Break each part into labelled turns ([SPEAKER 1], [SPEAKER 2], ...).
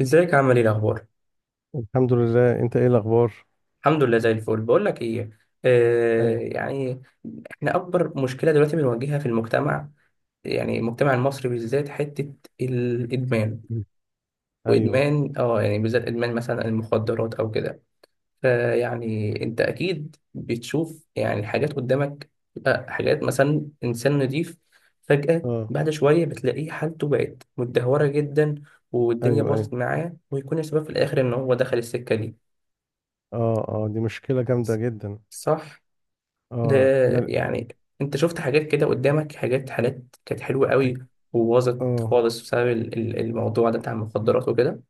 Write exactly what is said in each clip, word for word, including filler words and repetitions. [SPEAKER 1] ازيك، عامل ايه الاخبار؟
[SPEAKER 2] الحمد لله، انت ايه الاخبار؟
[SPEAKER 1] الحمد لله، زي الفل. بقول لك ايه، آه
[SPEAKER 2] ايوه.
[SPEAKER 1] يعني، احنا اكبر مشكله دلوقتي بنواجهها في المجتمع، يعني المجتمع المصري بالذات، حته الادمان.
[SPEAKER 2] ايوه.
[SPEAKER 1] وادمان، اه يعني، بالذات ادمان مثلا المخدرات او كده. فيعني انت اكيد بتشوف يعني حاجات قدامك، آه، حاجات مثلا انسان نضيف فجاه
[SPEAKER 2] اه.
[SPEAKER 1] بعد شويه بتلاقيه حالته بقت متدهوره جدا، والدنيا
[SPEAKER 2] ايوه، ايوه.
[SPEAKER 1] باظت معاه، ويكون السبب في الاخر ان هو دخل السكه دي.
[SPEAKER 2] اه، اه، دي مشكله جامده جدا.
[SPEAKER 1] صح. ده
[SPEAKER 2] اه، لا.
[SPEAKER 1] يعني انت شفت حاجات كده قدامك، حاجات، حالات كانت حلوة
[SPEAKER 2] أك...
[SPEAKER 1] قوي وباظت
[SPEAKER 2] اه،
[SPEAKER 1] خالص بسبب ال- ال- الموضوع ده بتاع المخدرات وكده.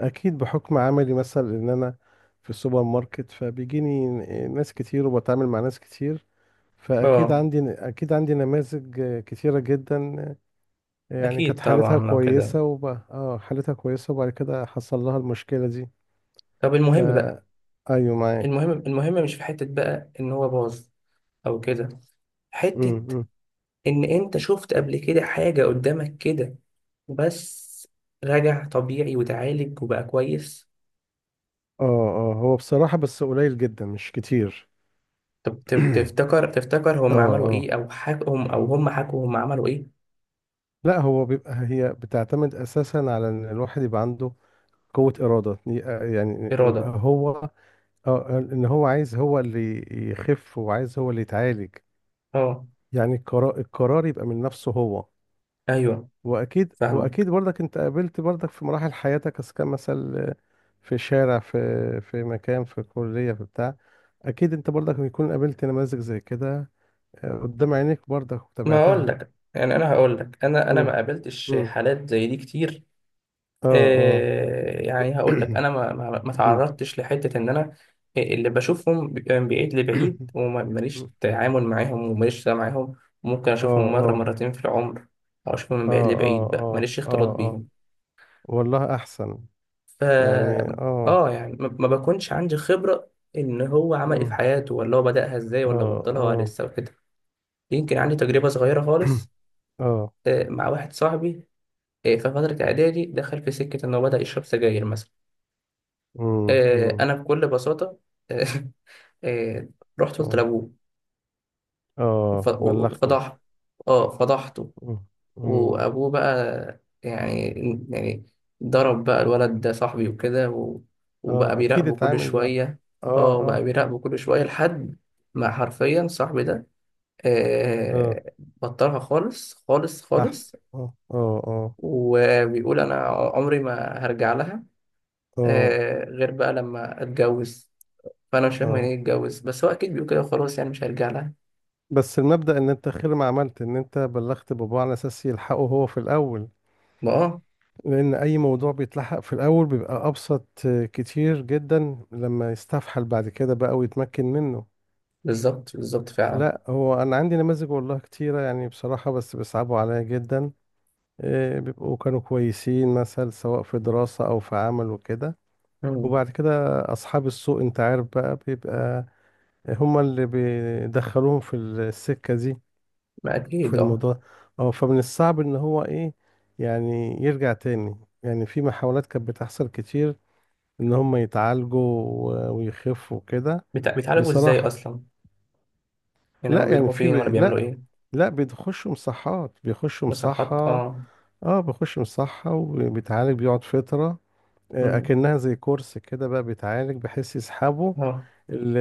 [SPEAKER 2] اكيد بحكم عملي مثلا ان انا في السوبر ماركت، فبيجيني ناس كتير وبتعامل مع ناس كتير، فاكيد
[SPEAKER 1] اه
[SPEAKER 2] عندي اكيد عندي نماذج آه، كتيره جدا. آه، يعني
[SPEAKER 1] اكيد
[SPEAKER 2] كانت حالتها
[SPEAKER 1] طبعا لو كده.
[SPEAKER 2] كويسه، وب... اه حالتها كويسه وبعد كده حصل لها المشكله دي.
[SPEAKER 1] طب
[SPEAKER 2] ف
[SPEAKER 1] المهم بقى،
[SPEAKER 2] ايوه،
[SPEAKER 1] المهم
[SPEAKER 2] معاك.
[SPEAKER 1] المهم مش في حتة بقى ان هو باظ او كده، حتة ان انت شفت قبل كده حاجة قدامك كده بس رجع طبيعي وتعالج وبقى كويس.
[SPEAKER 2] اه، اه، هو بصراحة بس قليل جدا، مش كتير.
[SPEAKER 1] طب تف- تفتكر، تفتكر
[SPEAKER 2] اه،
[SPEAKER 1] هم عملوا
[SPEAKER 2] اه،
[SPEAKER 1] ايه؟ او حكوا هم، او هم حكوا هم عملوا ايه؟
[SPEAKER 2] لا، هو بيبقى هي بتعتمد اساسا على ان الواحد يبقى عنده قوة إرادة، ي- آه، يعني يبقى
[SPEAKER 1] إرادة.
[SPEAKER 2] هو. اه ان هو عايز، هو اللي يخف وعايز هو اللي يتعالج.
[SPEAKER 1] اه،
[SPEAKER 2] يعني القرار القرار يبقى من نفسه هو.
[SPEAKER 1] ايوه،
[SPEAKER 2] واكيد
[SPEAKER 1] فاهمك.
[SPEAKER 2] واكيد برضك انت قابلت برضك في مراحل حياتك، اذا كان مثلا في شارع، في في مكان، في كلية، في بتاع، اكيد انت برضك بيكون قابلت نماذج زي كده قدام عينيك برضك
[SPEAKER 1] ما اقول
[SPEAKER 2] تابعتها.
[SPEAKER 1] لك، يعني انا هقول لك، انا انا ما
[SPEAKER 2] مم.
[SPEAKER 1] قابلتش
[SPEAKER 2] مم.
[SPEAKER 1] حالات زي دي كتير.
[SPEAKER 2] اه، اه.
[SPEAKER 1] آه، يعني هقول لك انا ما ما ما
[SPEAKER 2] مم.
[SPEAKER 1] تعرضتش لحته ان انا اللي بشوفهم بيبقى من بعيد لبعيد، وماليش تعامل معاهم وماليش سلام معاهم. ممكن
[SPEAKER 2] اه،
[SPEAKER 1] اشوفهم مره
[SPEAKER 2] اه،
[SPEAKER 1] مرتين في العمر، او اشوفهم من
[SPEAKER 2] اه،
[SPEAKER 1] بعيد
[SPEAKER 2] اه،
[SPEAKER 1] لبعيد بقى،
[SPEAKER 2] اه،
[SPEAKER 1] ماليش اختلاط
[SPEAKER 2] اه، اه،
[SPEAKER 1] بيهم.
[SPEAKER 2] والله احسن.
[SPEAKER 1] ف،
[SPEAKER 2] يعني، اه.
[SPEAKER 1] اه يعني ما ما بكونش عندي خبره ان هو عمل ايه في
[SPEAKER 2] مم.
[SPEAKER 1] حياته، ولا هو بدأها ازاي،
[SPEAKER 2] اه،
[SPEAKER 1] ولا بطلها ولا
[SPEAKER 2] اه،
[SPEAKER 1] لسه وكده. يمكن عندي تجربه صغيره خالص،
[SPEAKER 2] اه.
[SPEAKER 1] آه، مع واحد صاحبي. إيه، في فترة إعدادي دخل في سكة إنه بدأ يشرب سجاير مثلا.
[SPEAKER 2] مم.
[SPEAKER 1] إيه،
[SPEAKER 2] مم.
[SPEAKER 1] أنا بكل بساطة. إيه، رحت قلت
[SPEAKER 2] اه،
[SPEAKER 1] لأبوه. ف-
[SPEAKER 2] اه، بلغته.
[SPEAKER 1] وفضحته. أه فضحته.
[SPEAKER 2] مم. مم.
[SPEAKER 1] وأبوه بقى يعني، يعني ضرب بقى الولد ده صاحبي وكده و- وبقى
[SPEAKER 2] اه، اكيد
[SPEAKER 1] بيراقبه كل
[SPEAKER 2] اتعامل بقى.
[SPEAKER 1] شوية.
[SPEAKER 2] اه،
[SPEAKER 1] أه بقى
[SPEAKER 2] اه،
[SPEAKER 1] بيراقبه كل شوية لحد ما حرفيا صاحبي ده،
[SPEAKER 2] اه،
[SPEAKER 1] إيه، بطلها خالص خالص
[SPEAKER 2] احسن،
[SPEAKER 1] خالص،
[SPEAKER 2] اه، اه،
[SPEAKER 1] وبيقول أنا عمري ما هرجع لها.
[SPEAKER 2] اه، اه،
[SPEAKER 1] آه غير بقى لما اتجوز. فانا مش فاهم يعني
[SPEAKER 2] اه،
[SPEAKER 1] ايه اتجوز، بس هو اكيد بيقول كده، خلاص يعني مش هيرجع لها.
[SPEAKER 2] بس المبدأ ان انت خير ما عملت ان انت بلغت باباه على اساس يلحقه هو في الاول.
[SPEAKER 1] ما اه،
[SPEAKER 2] لان اي موضوع بيتلحق في الاول بيبقى ابسط كتير جدا لما يستفحل بعد كده بقى ويتمكن منه.
[SPEAKER 1] بالظبط بالظبط فعلا.
[SPEAKER 2] لا، هو انا عندي نماذج والله كتيرة، يعني بصراحة، بس بيصعبوا عليا جدا. إيه، بيبقوا كانوا كويسين مثلا سواء في دراسة او في عمل وكده،
[SPEAKER 1] مم.
[SPEAKER 2] وبعد كده اصحاب السوء انت عارف بقى، بيبقى هما اللي بيدخلوهم في السكة دي
[SPEAKER 1] ما اكيد
[SPEAKER 2] في
[SPEAKER 1] اه.
[SPEAKER 2] الموضوع. اه فمن الصعب ان هو ايه يعني يرجع تاني. يعني في محاولات كانت بتحصل كتير ان هم يتعالجوا و- ويخفوا كده.
[SPEAKER 1] بتع... بيتعالجوا ازاي
[SPEAKER 2] بصراحة،
[SPEAKER 1] اصلا؟ يعني هما
[SPEAKER 2] لا، يعني
[SPEAKER 1] بيروحوا
[SPEAKER 2] في ب...
[SPEAKER 1] فين، ولا بيعملوا
[SPEAKER 2] لا،
[SPEAKER 1] ايه؟
[SPEAKER 2] لا، بيخشوا مصحات، بيخشوا
[SPEAKER 1] مصحات
[SPEAKER 2] مصحة.
[SPEAKER 1] اه.
[SPEAKER 2] اه، بيخشوا مصحة وبيتعالج، بيقعد فترة. آه،
[SPEAKER 1] مم.
[SPEAKER 2] اكنها زي كورس كده بقى، بيتعالج بحيث يسحبوا
[SPEAKER 1] اه.
[SPEAKER 2] ال...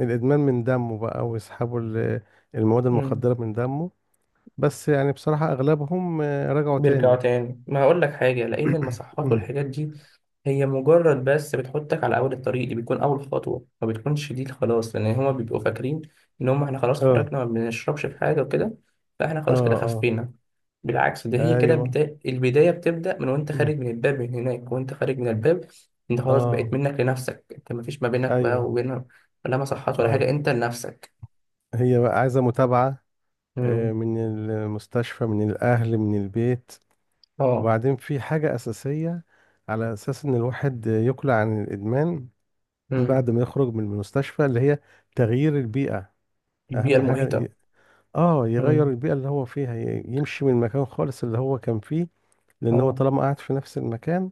[SPEAKER 2] الادمان من دمه، بقى ويسحبوا ال- المواد
[SPEAKER 1] مم.
[SPEAKER 2] المخدرة من دمه. بس يعني بصراحة اغلبهم آه، رجعوا
[SPEAKER 1] بيرجعوا
[SPEAKER 2] تاني.
[SPEAKER 1] تاني. ما هقول لك حاجة، لأن المصحات
[SPEAKER 2] أمم.
[SPEAKER 1] والحاجات دي هي مجرد بس بتحطك على أول الطريق، دي بيكون أول خطوة، ما بتكونش دي خلاص، لأن هما بيبقوا فاكرين إن هما إحنا خلاص
[SPEAKER 2] اه،
[SPEAKER 1] خرجنا، ما بنشربش في حاجة وكده، فإحنا
[SPEAKER 2] اه،
[SPEAKER 1] خلاص كده
[SPEAKER 2] اه،
[SPEAKER 1] خفينا. بالعكس، ده هي كده
[SPEAKER 2] ايوه،
[SPEAKER 1] بدا... البداية بتبدأ من وأنت
[SPEAKER 2] أمم.
[SPEAKER 1] خارج من الباب، من هناك وأنت خارج من الباب. أنت خلاص بقيت
[SPEAKER 2] اه،
[SPEAKER 1] منك لنفسك، أنت مفيش ما بينك بقى
[SPEAKER 2] ايوه،
[SPEAKER 1] وبين ولا مصحات ولا
[SPEAKER 2] اه،
[SPEAKER 1] حاجة، أنت لنفسك.
[SPEAKER 2] هي بقى عايزه متابعه آه،
[SPEAKER 1] مم.
[SPEAKER 2] من المستشفى، من الاهل، من البيت.
[SPEAKER 1] أه.
[SPEAKER 2] وبعدين في حاجه اساسيه على اساس ان الواحد يقلع عن الادمان بعد
[SPEAKER 1] مم.
[SPEAKER 2] ما يخرج من المستشفى، اللي هي تغيير البيئه.
[SPEAKER 1] البيئة
[SPEAKER 2] اهم حاجه
[SPEAKER 1] المحيطة.
[SPEAKER 2] ي- اه يغير
[SPEAKER 1] مم.
[SPEAKER 2] البيئه اللي هو فيها، ي- يمشي من المكان خالص اللي هو كان فيه. لان هو
[SPEAKER 1] أه.
[SPEAKER 2] طالما قاعد في نفس المكان،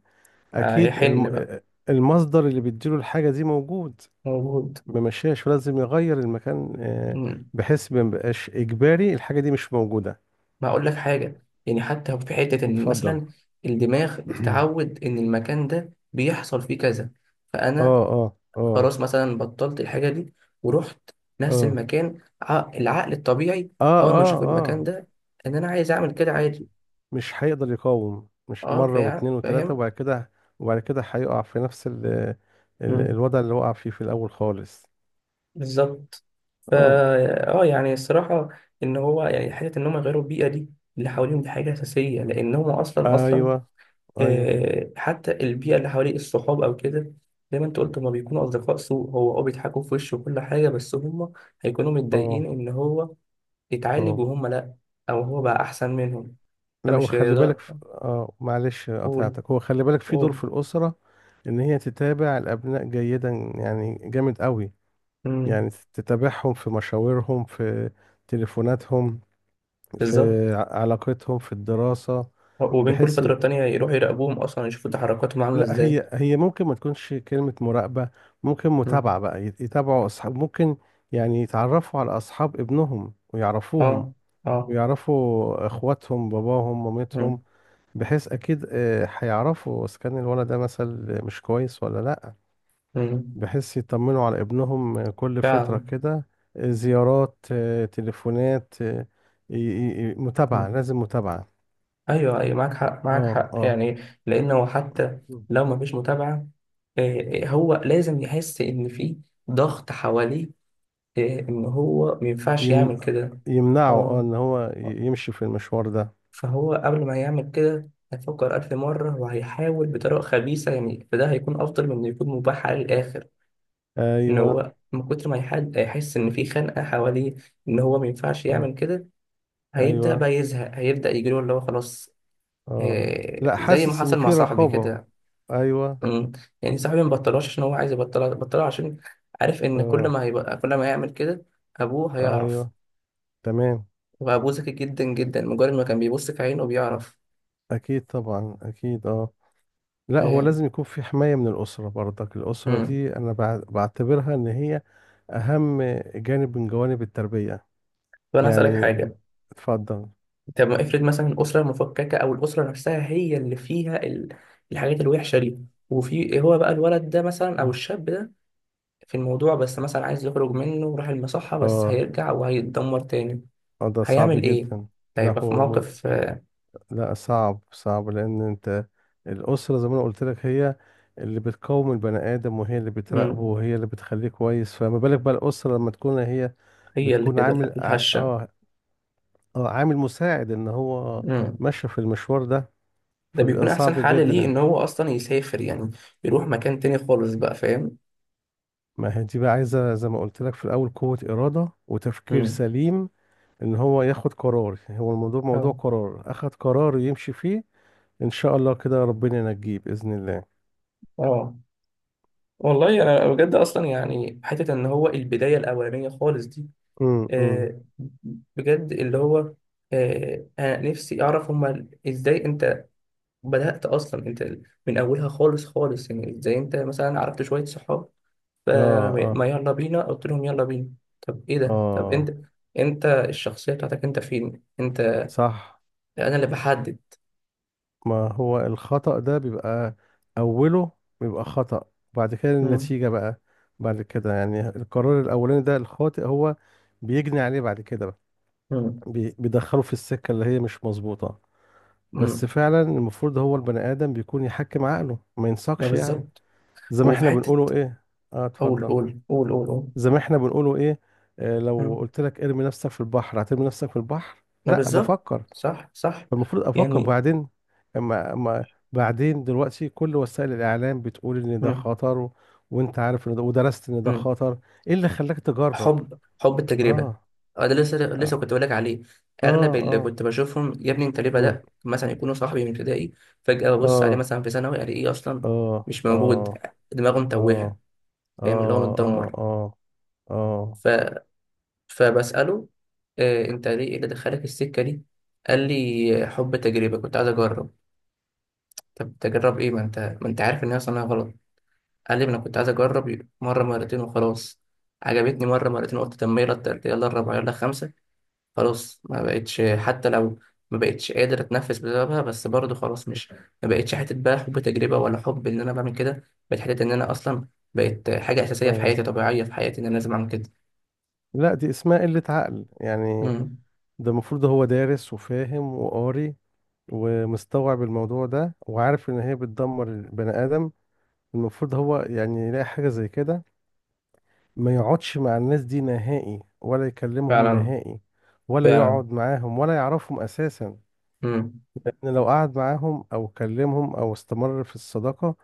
[SPEAKER 2] اكيد الم...
[SPEAKER 1] هيحن بقى.
[SPEAKER 2] المصدر اللي بيديله الحاجه دي موجود.
[SPEAKER 1] موجود.
[SPEAKER 2] ممشيهاش، لازم يغير المكان آه،
[SPEAKER 1] مم.
[SPEAKER 2] بحيث ما يبقاش اجباري، الحاجه دي مش موجوده.
[SPEAKER 1] ما اقول لك حاجه، يعني حتى في حته ان
[SPEAKER 2] اتفضل.
[SPEAKER 1] مثلا الدماغ بتتعود ان المكان ده بيحصل فيه كذا.
[SPEAKER 2] اه،
[SPEAKER 1] فانا
[SPEAKER 2] اه، اه،
[SPEAKER 1] خلاص مثلا بطلت الحاجه دي ورحت نفس
[SPEAKER 2] اه،
[SPEAKER 1] المكان، ع- العقل الطبيعي
[SPEAKER 2] اه،
[SPEAKER 1] اول ما
[SPEAKER 2] اه،
[SPEAKER 1] اشوف
[SPEAKER 2] اه،
[SPEAKER 1] المكان ده، ان انا عايز اعمل كده عادي.
[SPEAKER 2] مش هيقدر يقاوم، مش
[SPEAKER 1] اه
[SPEAKER 2] مرة
[SPEAKER 1] فا-
[SPEAKER 2] واتنين وتلاتة،
[SPEAKER 1] فاهم.
[SPEAKER 2] وبعد كده وبعد كده هيقع في نفس ال ال
[SPEAKER 1] مم.
[SPEAKER 2] الوضع اللي وقع فيه في الأول خالص.
[SPEAKER 1] بالظبط. فا
[SPEAKER 2] اه،
[SPEAKER 1] اه يعني الصراحه، ان هو يعني حته ان هم يغيروا البيئه دي اللي حواليهم دي حاجه اساسيه، لان هم اصلا اصلا،
[SPEAKER 2] ايوه، ايوه،
[SPEAKER 1] آه، حتى البيئة اللي حواليه الصحاب أو كده، زي ما أنت قلت هما بيكونوا أصدقاء سوء، هو أه بيضحكوا في وشه وكل حاجة، بس هما هيكونوا متضايقين
[SPEAKER 2] اه،
[SPEAKER 1] إن هو اتعالج
[SPEAKER 2] اه،
[SPEAKER 1] وهما لأ، أو هو بقى أحسن منهم.
[SPEAKER 2] لا،
[SPEAKER 1] فمش
[SPEAKER 2] وخلي
[SPEAKER 1] هيقدر.
[SPEAKER 2] بالك في... اه معلش
[SPEAKER 1] قول
[SPEAKER 2] قطعتك، هو خلي بالك في دور
[SPEAKER 1] قول.
[SPEAKER 2] في الأسرة، إن هي تتابع الأبناء جيدا، يعني جامد قوي.
[SPEAKER 1] مم.
[SPEAKER 2] يعني تتابعهم في مشاورهم، في تليفوناتهم، في
[SPEAKER 1] بالظبط.
[SPEAKER 2] ع- علاقتهم في الدراسة،
[SPEAKER 1] وبين كل
[SPEAKER 2] بحيث يت-
[SPEAKER 1] فترة تانية يروحوا يراقبوهم، أصلا يشوفوا تحركاتهم عاملة
[SPEAKER 2] لا،
[SPEAKER 1] إزاي.
[SPEAKER 2] هي هي ممكن ما تكونش كلمة مراقبة، ممكن
[SPEAKER 1] مم.
[SPEAKER 2] متابعة بقى، يت- يتابعوا أصحاب ممكن، يعني يتعرفوا على أصحاب ابنهم ويعرفوهم،
[SPEAKER 1] أه. أه.
[SPEAKER 2] ويعرفوا إخواتهم، باباهم،
[SPEAKER 1] مم.
[SPEAKER 2] مامتهم، بحيث اكيد آه، هيعرفوا اذا كان الولد ده مثلا مش كويس ولا لا،
[SPEAKER 1] مم.
[SPEAKER 2] بحيث يطمنوا على ابنهم آه، كل فترة
[SPEAKER 1] فعلا.
[SPEAKER 2] كده. آه، زيارات، آه، تليفونات، آه، ي- ي- ي- متابعة،
[SPEAKER 1] إمم.
[SPEAKER 2] لازم متابعة.
[SPEAKER 1] ايوه ايوه، معاك حق معاك
[SPEAKER 2] اه،
[SPEAKER 1] حق
[SPEAKER 2] اه.
[SPEAKER 1] يعني. لانه حتى
[SPEAKER 2] مم.
[SPEAKER 1] لو ما فيش متابعه، آه، آه، هو لازم يحس ان في ضغط حواليه، آه، ان هو ما ينفعش
[SPEAKER 2] يمن...
[SPEAKER 1] يعمل كده.
[SPEAKER 2] يمنعه اه
[SPEAKER 1] اه.
[SPEAKER 2] ان هو
[SPEAKER 1] آه،
[SPEAKER 2] ي- يمشي في المشوار ده.
[SPEAKER 1] فهو قبل ما يعمل كده هيفكر ألف مرة، وهيحاول بطريقة خبيثة يعني، فده هيكون أفضل من إنه يكون مباح عليه للآخر، إن
[SPEAKER 2] ايوه،
[SPEAKER 1] هو من كتر ما يحد هيحس إن في خنقة حواليه، إن هو ما ينفعش
[SPEAKER 2] آه.
[SPEAKER 1] يعمل كده. هيبدأ
[SPEAKER 2] ايوه،
[SPEAKER 1] بقى يزهق، هيبدأ يجيله اللي هو خلاص.
[SPEAKER 2] اه،
[SPEAKER 1] آه
[SPEAKER 2] لا،
[SPEAKER 1] زي ما
[SPEAKER 2] حاسس ان
[SPEAKER 1] حصل مع
[SPEAKER 2] في
[SPEAKER 1] صاحبي
[SPEAKER 2] رقابة.
[SPEAKER 1] كده.
[SPEAKER 2] ايوه،
[SPEAKER 1] امم. يعني صاحبي ما بطلهاش عشان هو عايز يبطلها، بطلها عشان عارف ان كل
[SPEAKER 2] اه،
[SPEAKER 1] ما هيبقى كل ما يعمل كده ابوه هيعرف.
[SPEAKER 2] ايوه، تمام.
[SPEAKER 1] وابوه ذكي جدا جدا، مجرد ما كان بيبص في عينه بيعرف.
[SPEAKER 2] اكيد طبعا، اكيد، اه. لا، هو
[SPEAKER 1] فاهم.
[SPEAKER 2] لازم يكون في حماية من الأسرة برضك، الأسرة
[SPEAKER 1] امم.
[SPEAKER 2] دي أنا بع- بعتبرها إن هي أهم جانب من جوانب التربية،
[SPEAKER 1] طب انا هسألك
[SPEAKER 2] يعني.
[SPEAKER 1] حاجة.
[SPEAKER 2] اتفضل.
[SPEAKER 1] طب ما افرض مثلا الأسرة المفككة، او الأسرة نفسها هي اللي فيها ال... الحاجات الوحشة دي، وفي هو بقى الولد ده مثلا او
[SPEAKER 2] مم.
[SPEAKER 1] الشاب ده في الموضوع، بس مثلا عايز يخرج منه وراح المصحة، بس
[SPEAKER 2] اه،
[SPEAKER 1] هيرجع وهيتدمر تاني.
[SPEAKER 2] آه، ده صعب
[SPEAKER 1] هيعمل ايه؟
[SPEAKER 2] جدا. لا،
[SPEAKER 1] هيبقى في
[SPEAKER 2] هو مل...
[SPEAKER 1] موقف آه،
[SPEAKER 2] لا، صعب، صعب، لأن أنت الأسرة زي ما أنا قلت لك هي اللي بتقوم البني آدم، وهي اللي بتراقبه،
[SPEAKER 1] امم
[SPEAKER 2] وهي اللي بتخليه كويس، فما بالك بقى الأسرة لما تكون هي
[SPEAKER 1] هي اللي
[SPEAKER 2] بتكون
[SPEAKER 1] كده
[SPEAKER 2] عامل ع-
[SPEAKER 1] الهشة.
[SPEAKER 2] اه اه عامل مساعد إن هو
[SPEAKER 1] مم.
[SPEAKER 2] ماشي في المشوار ده،
[SPEAKER 1] ده بيكون
[SPEAKER 2] فبيبقى
[SPEAKER 1] احسن
[SPEAKER 2] صعب
[SPEAKER 1] حل
[SPEAKER 2] جدا
[SPEAKER 1] ليه ان
[SPEAKER 2] يعني.
[SPEAKER 1] هو اصلا يسافر، يعني يروح مكان تاني خالص بقى، فاهم.
[SPEAKER 2] ما هي دي بقى عايزة زي ما قلت لك في الأول قوة إرادة وتفكير
[SPEAKER 1] مم.
[SPEAKER 2] سليم، إن هو ياخد قرار. يعني هو الموضوع
[SPEAKER 1] اه
[SPEAKER 2] موضوع قرار، أخد قرار يمشي فيه. إن شاء الله كده ربنا ينجيه بإذن الله.
[SPEAKER 1] اه. والله انا بجد اصلا يعني حته ان هو البدايه الاولانيه خالص دي،
[SPEAKER 2] امم. امم.
[SPEAKER 1] آه بجد اللي هو، آه انا نفسي اعرف، هما ازاي انت بدات اصلا انت، من اولها خالص خالص، يعني ازاي انت مثلا عرفت شويه صحاب
[SPEAKER 2] آه. آه.
[SPEAKER 1] فما يلا بينا، قلت لهم يلا بينا. طب ايه ده؟ طب
[SPEAKER 2] آه.
[SPEAKER 1] انت انت الشخصيه بتاعتك، انت فين انت،
[SPEAKER 2] صح.
[SPEAKER 1] انا اللي بحدد.
[SPEAKER 2] ما هو الخطأ ده بيبقى أوله، بيبقى خطأ، بعد كده
[SPEAKER 1] مم.
[SPEAKER 2] النتيجة بقى بعد كده، يعني القرار الأولاني ده الخاطئ هو بيجني عليه بعد كده بقى.
[SPEAKER 1] مم.
[SPEAKER 2] بي- بيدخله في السكة اللي هي مش مظبوطة. بس
[SPEAKER 1] مم.
[SPEAKER 2] فعلا المفروض هو البني آدم بيكون يحكم عقله، ما
[SPEAKER 1] ما
[SPEAKER 2] ينساقش، يعني.
[SPEAKER 1] بالظبط.
[SPEAKER 2] زي ما
[SPEAKER 1] وفي
[SPEAKER 2] احنا بنقوله
[SPEAKER 1] حتة
[SPEAKER 2] ايه. اه،
[SPEAKER 1] قول
[SPEAKER 2] اتفضل.
[SPEAKER 1] قول قول قول قول.
[SPEAKER 2] زي ما احنا بنقوله ايه. آه، لو
[SPEAKER 1] مم.
[SPEAKER 2] قلت لك ارمي نفسك في البحر، هترمي نفسك في البحر؟
[SPEAKER 1] ما
[SPEAKER 2] لا،
[SPEAKER 1] بالظبط.
[SPEAKER 2] بفكر.
[SPEAKER 1] صح صح
[SPEAKER 2] فالمفروض افكر،
[SPEAKER 1] يعني.
[SPEAKER 2] وبعدين اما اما بعدين دلوقتي كل وسائل الاعلام بتقول ان ده
[SPEAKER 1] مم.
[SPEAKER 2] خطر، و... وانت عارف ان ده، ودرست ان ده
[SPEAKER 1] مم.
[SPEAKER 2] خطر، ايه اللي خلاك تجرب؟
[SPEAKER 1] حب حب التجربة.
[SPEAKER 2] اه،
[SPEAKER 1] اه ده لسه لسه
[SPEAKER 2] اه،
[SPEAKER 1] كنت بقولك عليه.
[SPEAKER 2] اه،
[SPEAKER 1] أغلب اللي
[SPEAKER 2] اه.
[SPEAKER 1] كنت بشوفهم يا ابني أنت ليه
[SPEAKER 2] مم.
[SPEAKER 1] بدأت؟ مثلا يكونوا صاحبي من ابتدائي، فجأة ببص عليه
[SPEAKER 2] اه،
[SPEAKER 1] مثلا في ثانوي ألاقيه إيه أصلا؟
[SPEAKER 2] اه،
[SPEAKER 1] مش موجود،
[SPEAKER 2] اه،
[SPEAKER 1] دماغه متوهة،
[SPEAKER 2] اه،
[SPEAKER 1] فاهم اللي هو
[SPEAKER 2] اه، اه،
[SPEAKER 1] متدمر.
[SPEAKER 2] اه، اه،
[SPEAKER 1] ف... فبسأله، آه، أنت ليه، إيه اللي دخلك السكة دي؟ قال لي حب تجربة، كنت عايز أجرب. طب تجرب ايه؟ ما انت ما انت عارف ان هي صناعة غلط. قال لي ما انا كنت عايز اجرب مرة مرتين وخلاص، عجبتني مرة مرتين، قلت طب ما يلا التالتة، يلا الرابعة، يلا الخامسة، خلاص ما بقتش حتى لو، ما بقتش قادر اتنفس بسببها، بس برضه خلاص، مش ما بقتش حتة بقى حب تجربة ولا حب ان انا بعمل كده، بقت حتة ان انا اصلا بقت حاجة اساسية في
[SPEAKER 2] اه.
[SPEAKER 1] حياتي، طبيعية في حياتي ان انا لازم اعمل كده.
[SPEAKER 2] لا، دي اسمها قلة عقل، يعني
[SPEAKER 1] امم.
[SPEAKER 2] ده المفروض هو دارس وفاهم وقاري ومستوعب الموضوع ده وعارف ان هي بتدمر البني ادم. المفروض هو يعني يلاقي حاجة زي كده، ما يقعدش مع الناس دي نهائي، ولا يكلمهم
[SPEAKER 1] فعلا
[SPEAKER 2] نهائي، ولا
[SPEAKER 1] فعلا.
[SPEAKER 2] يقعد معاهم، ولا يعرفهم اساسا.
[SPEAKER 1] امم.
[SPEAKER 2] لان لو قعد معاهم او كلمهم او استمر في الصداقة،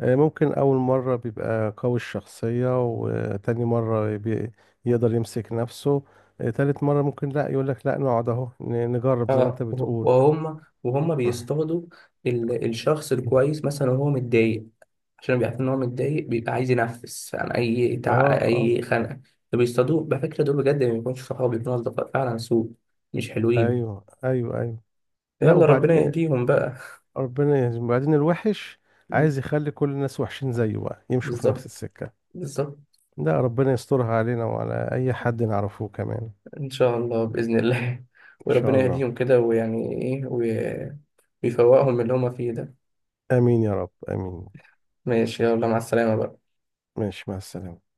[SPEAKER 2] آه، ممكن أول مرة بيبقى قوي الشخصية، وتاني مرة بي- يقدر يمسك نفسه، آه، تالت مرة ممكن لا يقولك لا نقعد أهو ن- نجرب زي ما أنت
[SPEAKER 1] اه وه-
[SPEAKER 2] بتقول.
[SPEAKER 1] وهم وهم بيصطادوا ال- الشخص
[SPEAKER 2] اه،
[SPEAKER 1] الكويس مثلا، وهو متضايق، عشان بيعرف ان هو متضايق بيبقى عايز ينفس عن اي تع...
[SPEAKER 2] اه،
[SPEAKER 1] اي خنقه. فبيصطادوه على فكره. دول بجد ما بيكونوش صحاب، بيكونوا اصدقاء فعلا سوء، مش حلوين.
[SPEAKER 2] ايوه، ايوه، ايوه. لا،
[SPEAKER 1] يلا ربنا
[SPEAKER 2] وبعدين
[SPEAKER 1] يهديهم بقى.
[SPEAKER 2] ربنا يهزم وبعدين الوحش
[SPEAKER 1] مم.
[SPEAKER 2] عايز يخلي كل الناس وحشين زيه بقى، يمشوا في نفس
[SPEAKER 1] بالظبط
[SPEAKER 2] السكة.
[SPEAKER 1] بالظبط.
[SPEAKER 2] لا، ربنا يسترها علينا وعلى أي حد نعرفه كمان.
[SPEAKER 1] ان شاء الله باذن الله.
[SPEAKER 2] إن شاء
[SPEAKER 1] وربنا
[SPEAKER 2] الله.
[SPEAKER 1] يهديهم كده ويعني ايه وي- ويفوقهم من اللي هما فيه ده.
[SPEAKER 2] آمين يا رب، آمين.
[SPEAKER 1] ماشي يلا مع السلامه بقى.
[SPEAKER 2] ماشي، مع السلامة.